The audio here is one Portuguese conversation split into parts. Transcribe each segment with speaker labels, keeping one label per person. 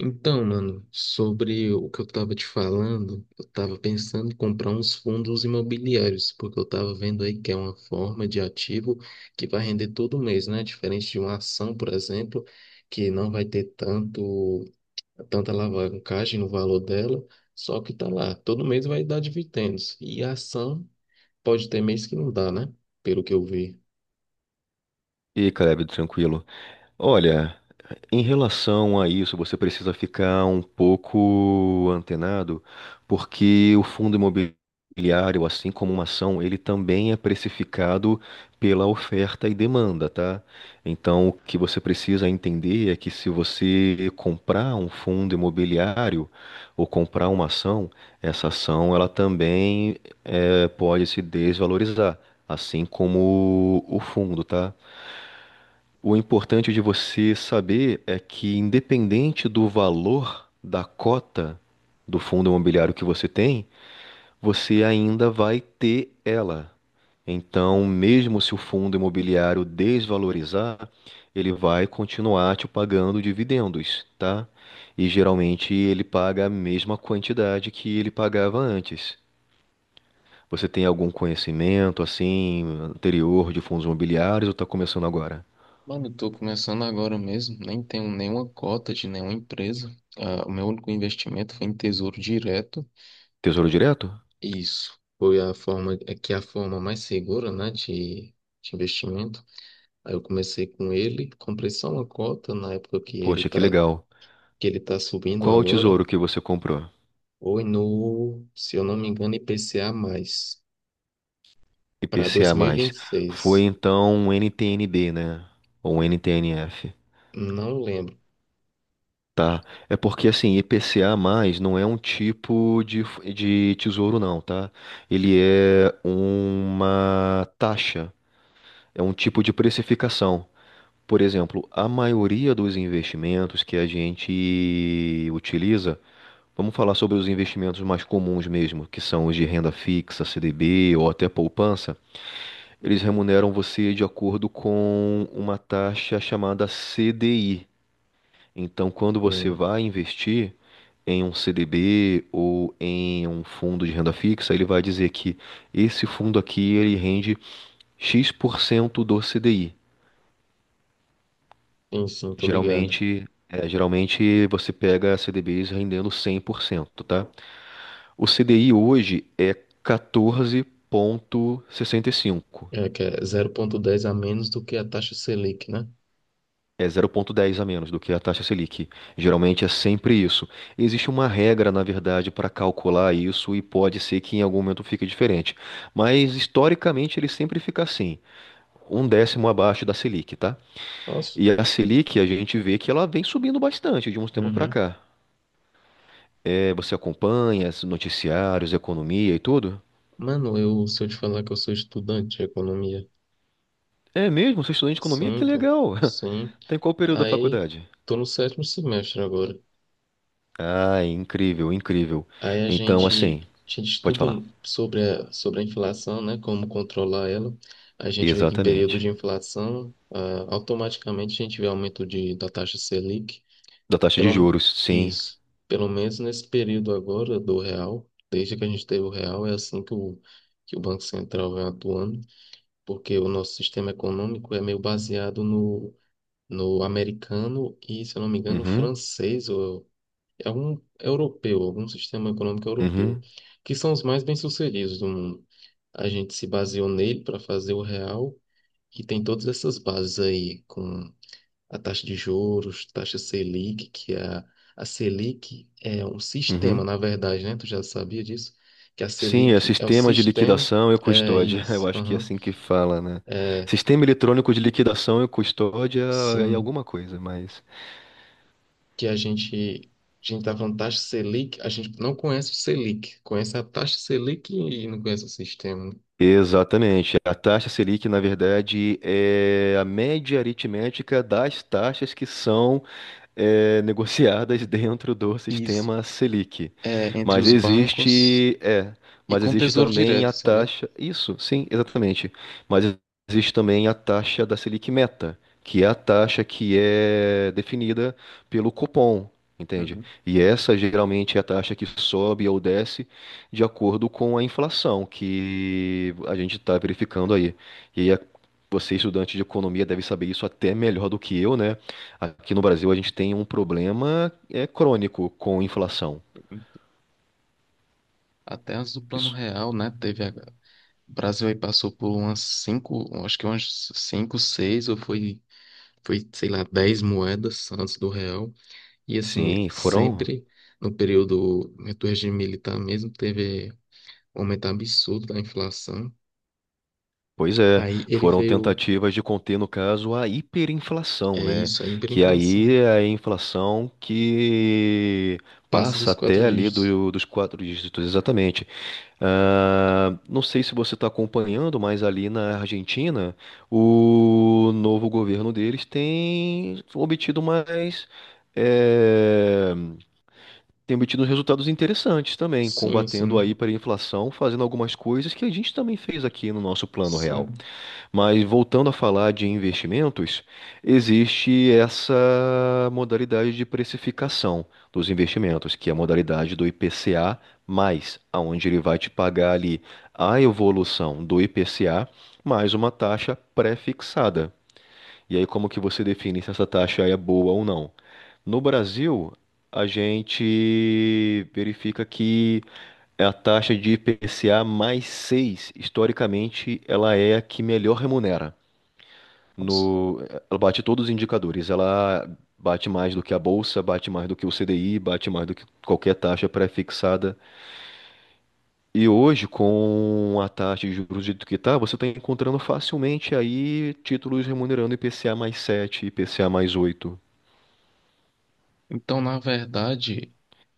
Speaker 1: Então, mano, sobre o que eu tava te falando, eu tava pensando em comprar uns fundos imobiliários, porque eu tava vendo aí que é uma forma de ativo que vai render todo mês, né? Diferente de uma ação, por exemplo, que não vai ter tanta alavancagem no valor dela, só que tá lá, todo mês vai dar dividendos. E a ação pode ter mês que não dá, né? Pelo que eu vi.
Speaker 2: E aí, Caleb, tranquilo. Olha, em relação a isso, você precisa ficar um pouco antenado, porque o fundo imobiliário, assim como uma ação, ele também é precificado pela oferta e demanda, tá? Então, o que você precisa entender é que se você comprar um fundo imobiliário ou comprar uma ação, essa ação ela também pode se desvalorizar, assim como o fundo, tá? O importante de você saber é que, independente do valor da cota do fundo imobiliário que você tem, você ainda vai ter ela. Então, mesmo se o fundo imobiliário desvalorizar, ele vai continuar te pagando dividendos, tá? E geralmente ele paga a mesma quantidade que ele pagava antes. Você tem algum conhecimento assim anterior de fundos imobiliários ou está começando agora?
Speaker 1: Mano, eu tô começando agora mesmo, nem tenho nenhuma cota de nenhuma empresa. Ah, o meu único investimento foi em Tesouro Direto.
Speaker 2: Tesouro Direto?
Speaker 1: Isso foi a forma, é que é a forma mais segura, né, de investimento. Aí eu comecei com ele, comprei só uma cota na época que ele
Speaker 2: Poxa, que
Speaker 1: tá,
Speaker 2: legal.
Speaker 1: subindo
Speaker 2: Qual o
Speaker 1: agora.
Speaker 2: tesouro que você comprou?
Speaker 1: Foi no, se eu não me engano, IPCA mais para
Speaker 2: IPCA+. Foi
Speaker 1: 2026.
Speaker 2: então um NTN-B, né? Ou um NTN-F?
Speaker 1: Não lembro.
Speaker 2: Tá. É porque assim, IPCA+ não é um tipo de, de tesouro não, tá? Ele é uma taxa, é um tipo de precificação. Por exemplo, a maioria dos investimentos que a gente utiliza, vamos falar sobre os investimentos mais comuns mesmo, que são os de renda fixa, CDB ou até poupança. Eles remuneram você de acordo com uma taxa chamada CDI. Então, quando você
Speaker 1: Hum.
Speaker 2: vai investir em um CDB ou em um fundo de renda fixa, ele vai dizer que esse fundo aqui ele rende X% do CDI.
Speaker 1: Enfim, tô ligado.
Speaker 2: Geralmente, geralmente você pega CDBs rendendo 100%, tá? O CDI hoje é 14,65.
Speaker 1: É que é 0,10 a menos do que a taxa Selic, né?
Speaker 2: É zero vírgula dez a menos do que a taxa Selic. Geralmente é sempre isso. Existe uma regra, na verdade, para calcular isso e pode ser que em algum momento fique diferente. Mas historicamente ele sempre fica assim, um décimo abaixo da Selic, tá?
Speaker 1: Nossa.
Speaker 2: E a Selic a gente vê que ela vem subindo bastante de uns tempos para
Speaker 1: Uhum.
Speaker 2: cá. É, você acompanha os noticiários, economia e tudo?
Speaker 1: Mano, se eu te falar que eu sou estudante de economia,
Speaker 2: É mesmo? Você é estudante de economia? Que
Speaker 1: sim, pô,
Speaker 2: legal!
Speaker 1: sim.
Speaker 2: Tem qual período da
Speaker 1: Aí,
Speaker 2: faculdade?
Speaker 1: tô no sétimo semestre agora.
Speaker 2: Ah, incrível, incrível.
Speaker 1: Aí a
Speaker 2: Então,
Speaker 1: gente,
Speaker 2: assim,
Speaker 1: a gente
Speaker 2: pode
Speaker 1: estuda
Speaker 2: falar.
Speaker 1: sobre a inflação, né? Como controlar ela. A gente vê que em período
Speaker 2: Exatamente.
Speaker 1: de inflação, automaticamente a gente vê aumento da taxa Selic.
Speaker 2: Da taxa de
Speaker 1: Pelo,
Speaker 2: juros, sim.
Speaker 1: isso. Pelo menos nesse período agora do real, desde que a gente teve o real, é assim que o Banco Central vem atuando. Porque o nosso sistema econômico é meio baseado no americano e, se eu não me engano,
Speaker 2: Uhum,
Speaker 1: francês ou é um europeu, algum sistema econômico europeu,
Speaker 2: uhum,
Speaker 1: que são os mais bem-sucedidos do mundo. A gente se baseou nele para fazer o real e tem todas essas bases aí, com a taxa de juros, taxa Selic. A Selic é um sistema,
Speaker 2: uhum.
Speaker 1: na verdade, né? Tu já sabia disso? Que a
Speaker 2: Sim, é
Speaker 1: Selic é o
Speaker 2: sistema de
Speaker 1: sistema.
Speaker 2: liquidação e
Speaker 1: É
Speaker 2: custódia. Eu
Speaker 1: isso,
Speaker 2: acho que é
Speaker 1: aham.
Speaker 2: assim que fala, né?
Speaker 1: É,
Speaker 2: Sistema eletrônico de liquidação e custódia é
Speaker 1: sim.
Speaker 2: alguma coisa, mas.
Speaker 1: Que a gente, tá falando taxa Selic, a gente não conhece o Selic, conhece a taxa Selic e não conhece o sistema.
Speaker 2: Exatamente. A taxa Selic, na verdade, é a média aritmética das taxas que são negociadas dentro do
Speaker 1: Isso.
Speaker 2: sistema Selic.
Speaker 1: É, entre
Speaker 2: Mas
Speaker 1: os bancos
Speaker 2: existe, é,
Speaker 1: e
Speaker 2: mas
Speaker 1: com
Speaker 2: existe
Speaker 1: Tesouro
Speaker 2: também
Speaker 1: Direto,
Speaker 2: a
Speaker 1: sabe?
Speaker 2: taxa, isso, sim, exatamente. Mas existe também a taxa da Selic Meta, que é a taxa que é definida pelo Copom. Entende?
Speaker 1: Uhum.
Speaker 2: E essa geralmente é a taxa que sobe ou desce de acordo com a inflação que a gente está verificando aí. E aí a- você, estudante de economia, deve saber isso até melhor do que eu, né? Aqui no Brasil a gente tem um problema é crônico com inflação.
Speaker 1: Até antes do Plano
Speaker 2: Isso.
Speaker 1: Real, né? O Brasil aí passou por umas cinco, acho que umas cinco, seis, ou foi, sei lá, 10 moedas antes do real. E assim,
Speaker 2: Sim, foram,
Speaker 1: sempre no período do regime militar mesmo, teve um aumento absurdo da inflação.
Speaker 2: pois é,
Speaker 1: Aí ele
Speaker 2: foram
Speaker 1: veio.
Speaker 2: tentativas de conter, no caso, a hiperinflação,
Speaker 1: É
Speaker 2: né?
Speaker 1: isso, é
Speaker 2: Que aí
Speaker 1: hiperinflação.
Speaker 2: é a inflação que
Speaker 1: Passa
Speaker 2: passa
Speaker 1: dos quatro
Speaker 2: até ali
Speaker 1: dígitos.
Speaker 2: dos quatro dígitos, exatamente. Ah, não sei se você está acompanhando, mas ali na Argentina, o novo governo deles tem obtido mais. eh, tem obtido resultados interessantes também,
Speaker 1: Sim,
Speaker 2: combatendo a
Speaker 1: sim,
Speaker 2: hiperinflação, fazendo algumas coisas que a gente também fez aqui no nosso Plano Real.
Speaker 1: sim.
Speaker 2: Mas voltando a falar de investimentos, existe essa modalidade de precificação dos investimentos, que é a modalidade do IPCA mais, aonde ele vai te pagar ali a evolução do IPCA mais uma taxa pré-fixada. E aí, como que você define se essa taxa é boa ou não? No Brasil, a gente verifica que é a taxa de IPCA mais 6 historicamente, ela é a que melhor remunera.
Speaker 1: Nossa.
Speaker 2: No, ela bate todos os indicadores. Ela bate mais do que a bolsa, bate mais do que o CDI, bate mais do que qualquer taxa pré-fixada. E hoje, com a taxa de juros do jeito que está, você está encontrando facilmente aí títulos remunerando IPCA mais 7, IPCA mais 8.
Speaker 1: Então, na verdade,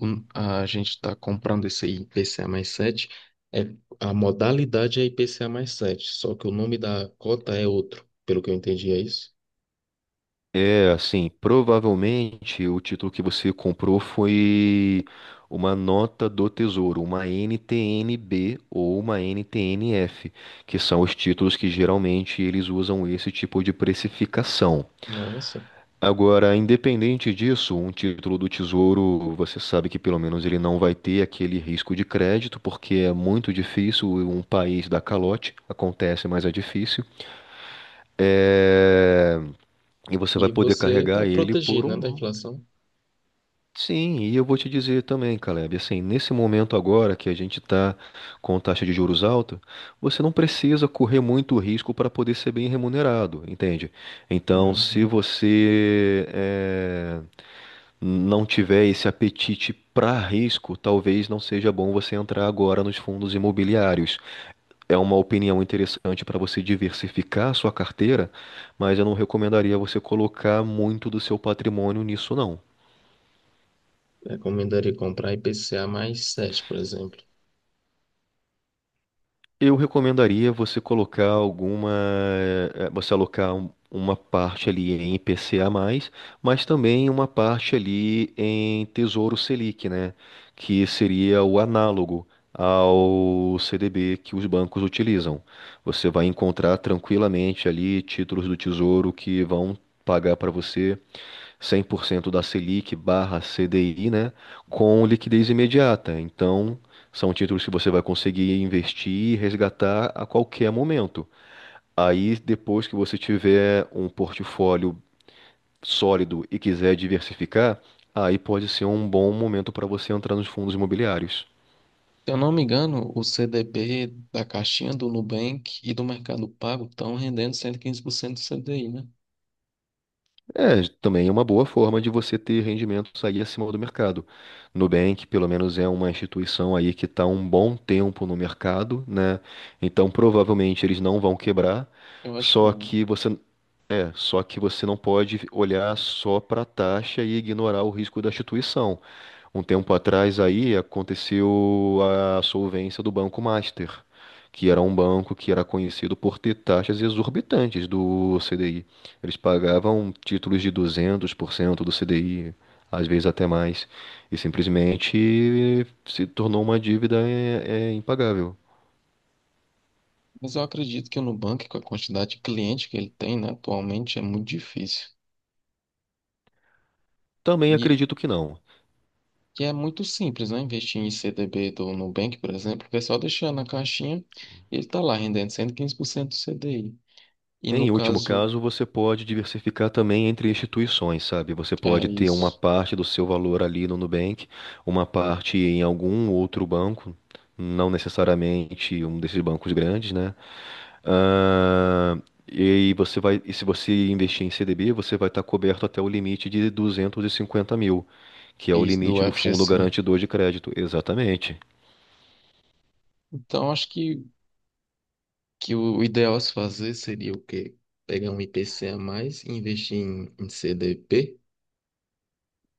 Speaker 1: a gente está comprando esse IPCA mais 7. É, a modalidade é IPCA mais 7, só que o nome da cota é outro, pelo que eu entendi, é isso?
Speaker 2: É, assim, provavelmente o título que você comprou foi uma nota do Tesouro, uma NTN-B ou uma NTN-F, que são os títulos que geralmente eles usam esse tipo de precificação.
Speaker 1: Nossa.
Speaker 2: Agora, independente disso, um título do Tesouro, você sabe que pelo menos ele não vai ter aquele risco de crédito, porque é muito difícil um país dar calote, acontece, mas é difícil. É, e você vai
Speaker 1: E
Speaker 2: poder
Speaker 1: você está
Speaker 2: carregar ele por
Speaker 1: protegido, né, da
Speaker 2: um
Speaker 1: inflação?
Speaker 2: sim, e eu vou te dizer também, Caleb, assim, nesse momento agora que a gente está com taxa de juros alta, você não precisa correr muito risco para poder ser bem remunerado, entende? Então, se
Speaker 1: Uhum.
Speaker 2: você não tiver esse apetite para risco, talvez não seja bom você entrar agora nos fundos imobiliários. É uma opinião interessante para você diversificar a sua carteira, mas eu não recomendaria você colocar muito do seu patrimônio nisso, não.
Speaker 1: Recomendaria comprar IPCA mais 7, por exemplo.
Speaker 2: Eu recomendaria você colocar alguma, você alocar uma parte ali em IPCA+, mas também uma parte ali em Tesouro Selic, né? Que seria o análogo ao CDB que os bancos utilizam. Você vai encontrar tranquilamente ali títulos do Tesouro que vão pagar para você 100% da Selic barra CDI, né, com liquidez imediata. Então, são títulos que você vai conseguir investir e resgatar a qualquer momento. Aí, depois que você tiver um portfólio sólido e quiser diversificar, aí pode ser um bom momento para você entrar nos fundos imobiliários.
Speaker 1: Se eu não me engano, o CDB da caixinha do Nubank e do Mercado Pago estão rendendo 115% do CDI, né?
Speaker 2: É, também é uma boa forma de você ter rendimentos aí acima do mercado. Nubank, pelo menos, é uma instituição aí que está um bom tempo no mercado, né? Então, provavelmente eles não vão quebrar.
Speaker 1: Eu acho que
Speaker 2: Só
Speaker 1: não.
Speaker 2: que você só que você não pode olhar só para a taxa e ignorar o risco da instituição. Um tempo atrás aí aconteceu a solvência do Banco Master, que era um banco que era conhecido por ter taxas exorbitantes do CDI. Eles pagavam títulos de 200% do CDI, às vezes até mais, e simplesmente se tornou uma dívida impagável.
Speaker 1: Mas eu acredito que o Nubank, com a quantidade de cliente que ele tem, né, atualmente, é muito difícil.
Speaker 2: Também
Speaker 1: E,
Speaker 2: acredito que não.
Speaker 1: e é muito simples, né? Investir em CDB do Nubank, por exemplo, porque é só deixar na caixinha e ele está lá rendendo 115% do CDI. E no
Speaker 2: Em último
Speaker 1: caso,
Speaker 2: caso, você pode diversificar também entre instituições, sabe? Você
Speaker 1: é
Speaker 2: pode ter uma
Speaker 1: isso,
Speaker 2: parte do seu valor ali no Nubank, uma parte em algum outro banco, não necessariamente um desses bancos grandes, né? Ah, e você vai, e se você investir em CDB, você vai estar coberto até o limite de 250.000, que é o
Speaker 1: isso do
Speaker 2: limite do fundo
Speaker 1: FGC.
Speaker 2: garantidor de crédito. Exatamente.
Speaker 1: Então, acho que o ideal a se fazer seria o quê? Pegar um IPC a mais e investir em, CDP?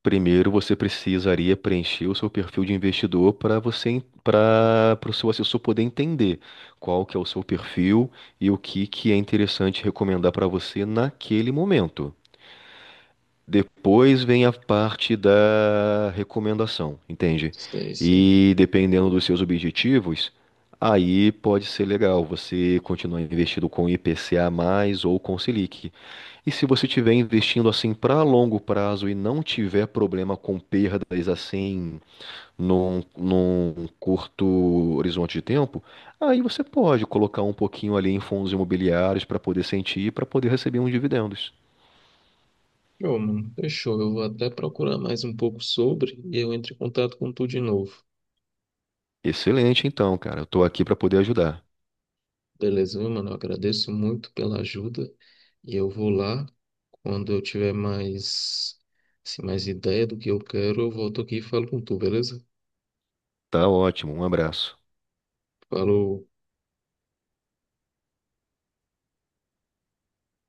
Speaker 2: Primeiro, você precisaria preencher o seu perfil de investidor para você, para o seu assessor poder entender qual que é o seu perfil e o que que é interessante recomendar para você naquele momento. Depois vem a parte da recomendação, entende?
Speaker 1: Sei, sei.
Speaker 2: E dependendo dos seus objetivos, aí pode ser legal você continuar investido com IPCA mais ou com Selic. E se você estiver investindo assim para longo prazo e não tiver problema com perdas assim num curto horizonte de tempo, aí você pode colocar um pouquinho ali em fundos imobiliários para poder sentir, e para poder receber uns dividendos.
Speaker 1: Pô, mano, fechou. Eu vou até procurar mais um pouco sobre e eu entro em contato com tu de novo.
Speaker 2: Excelente, então, cara. Eu estou aqui para poder ajudar.
Speaker 1: Beleza, viu, mano? Eu agradeço muito pela ajuda e eu vou lá. Quando eu tiver mais, assim, mais ideia do que eu quero, eu volto aqui e falo com tu, beleza?
Speaker 2: Tá ótimo. Um abraço.
Speaker 1: Falou.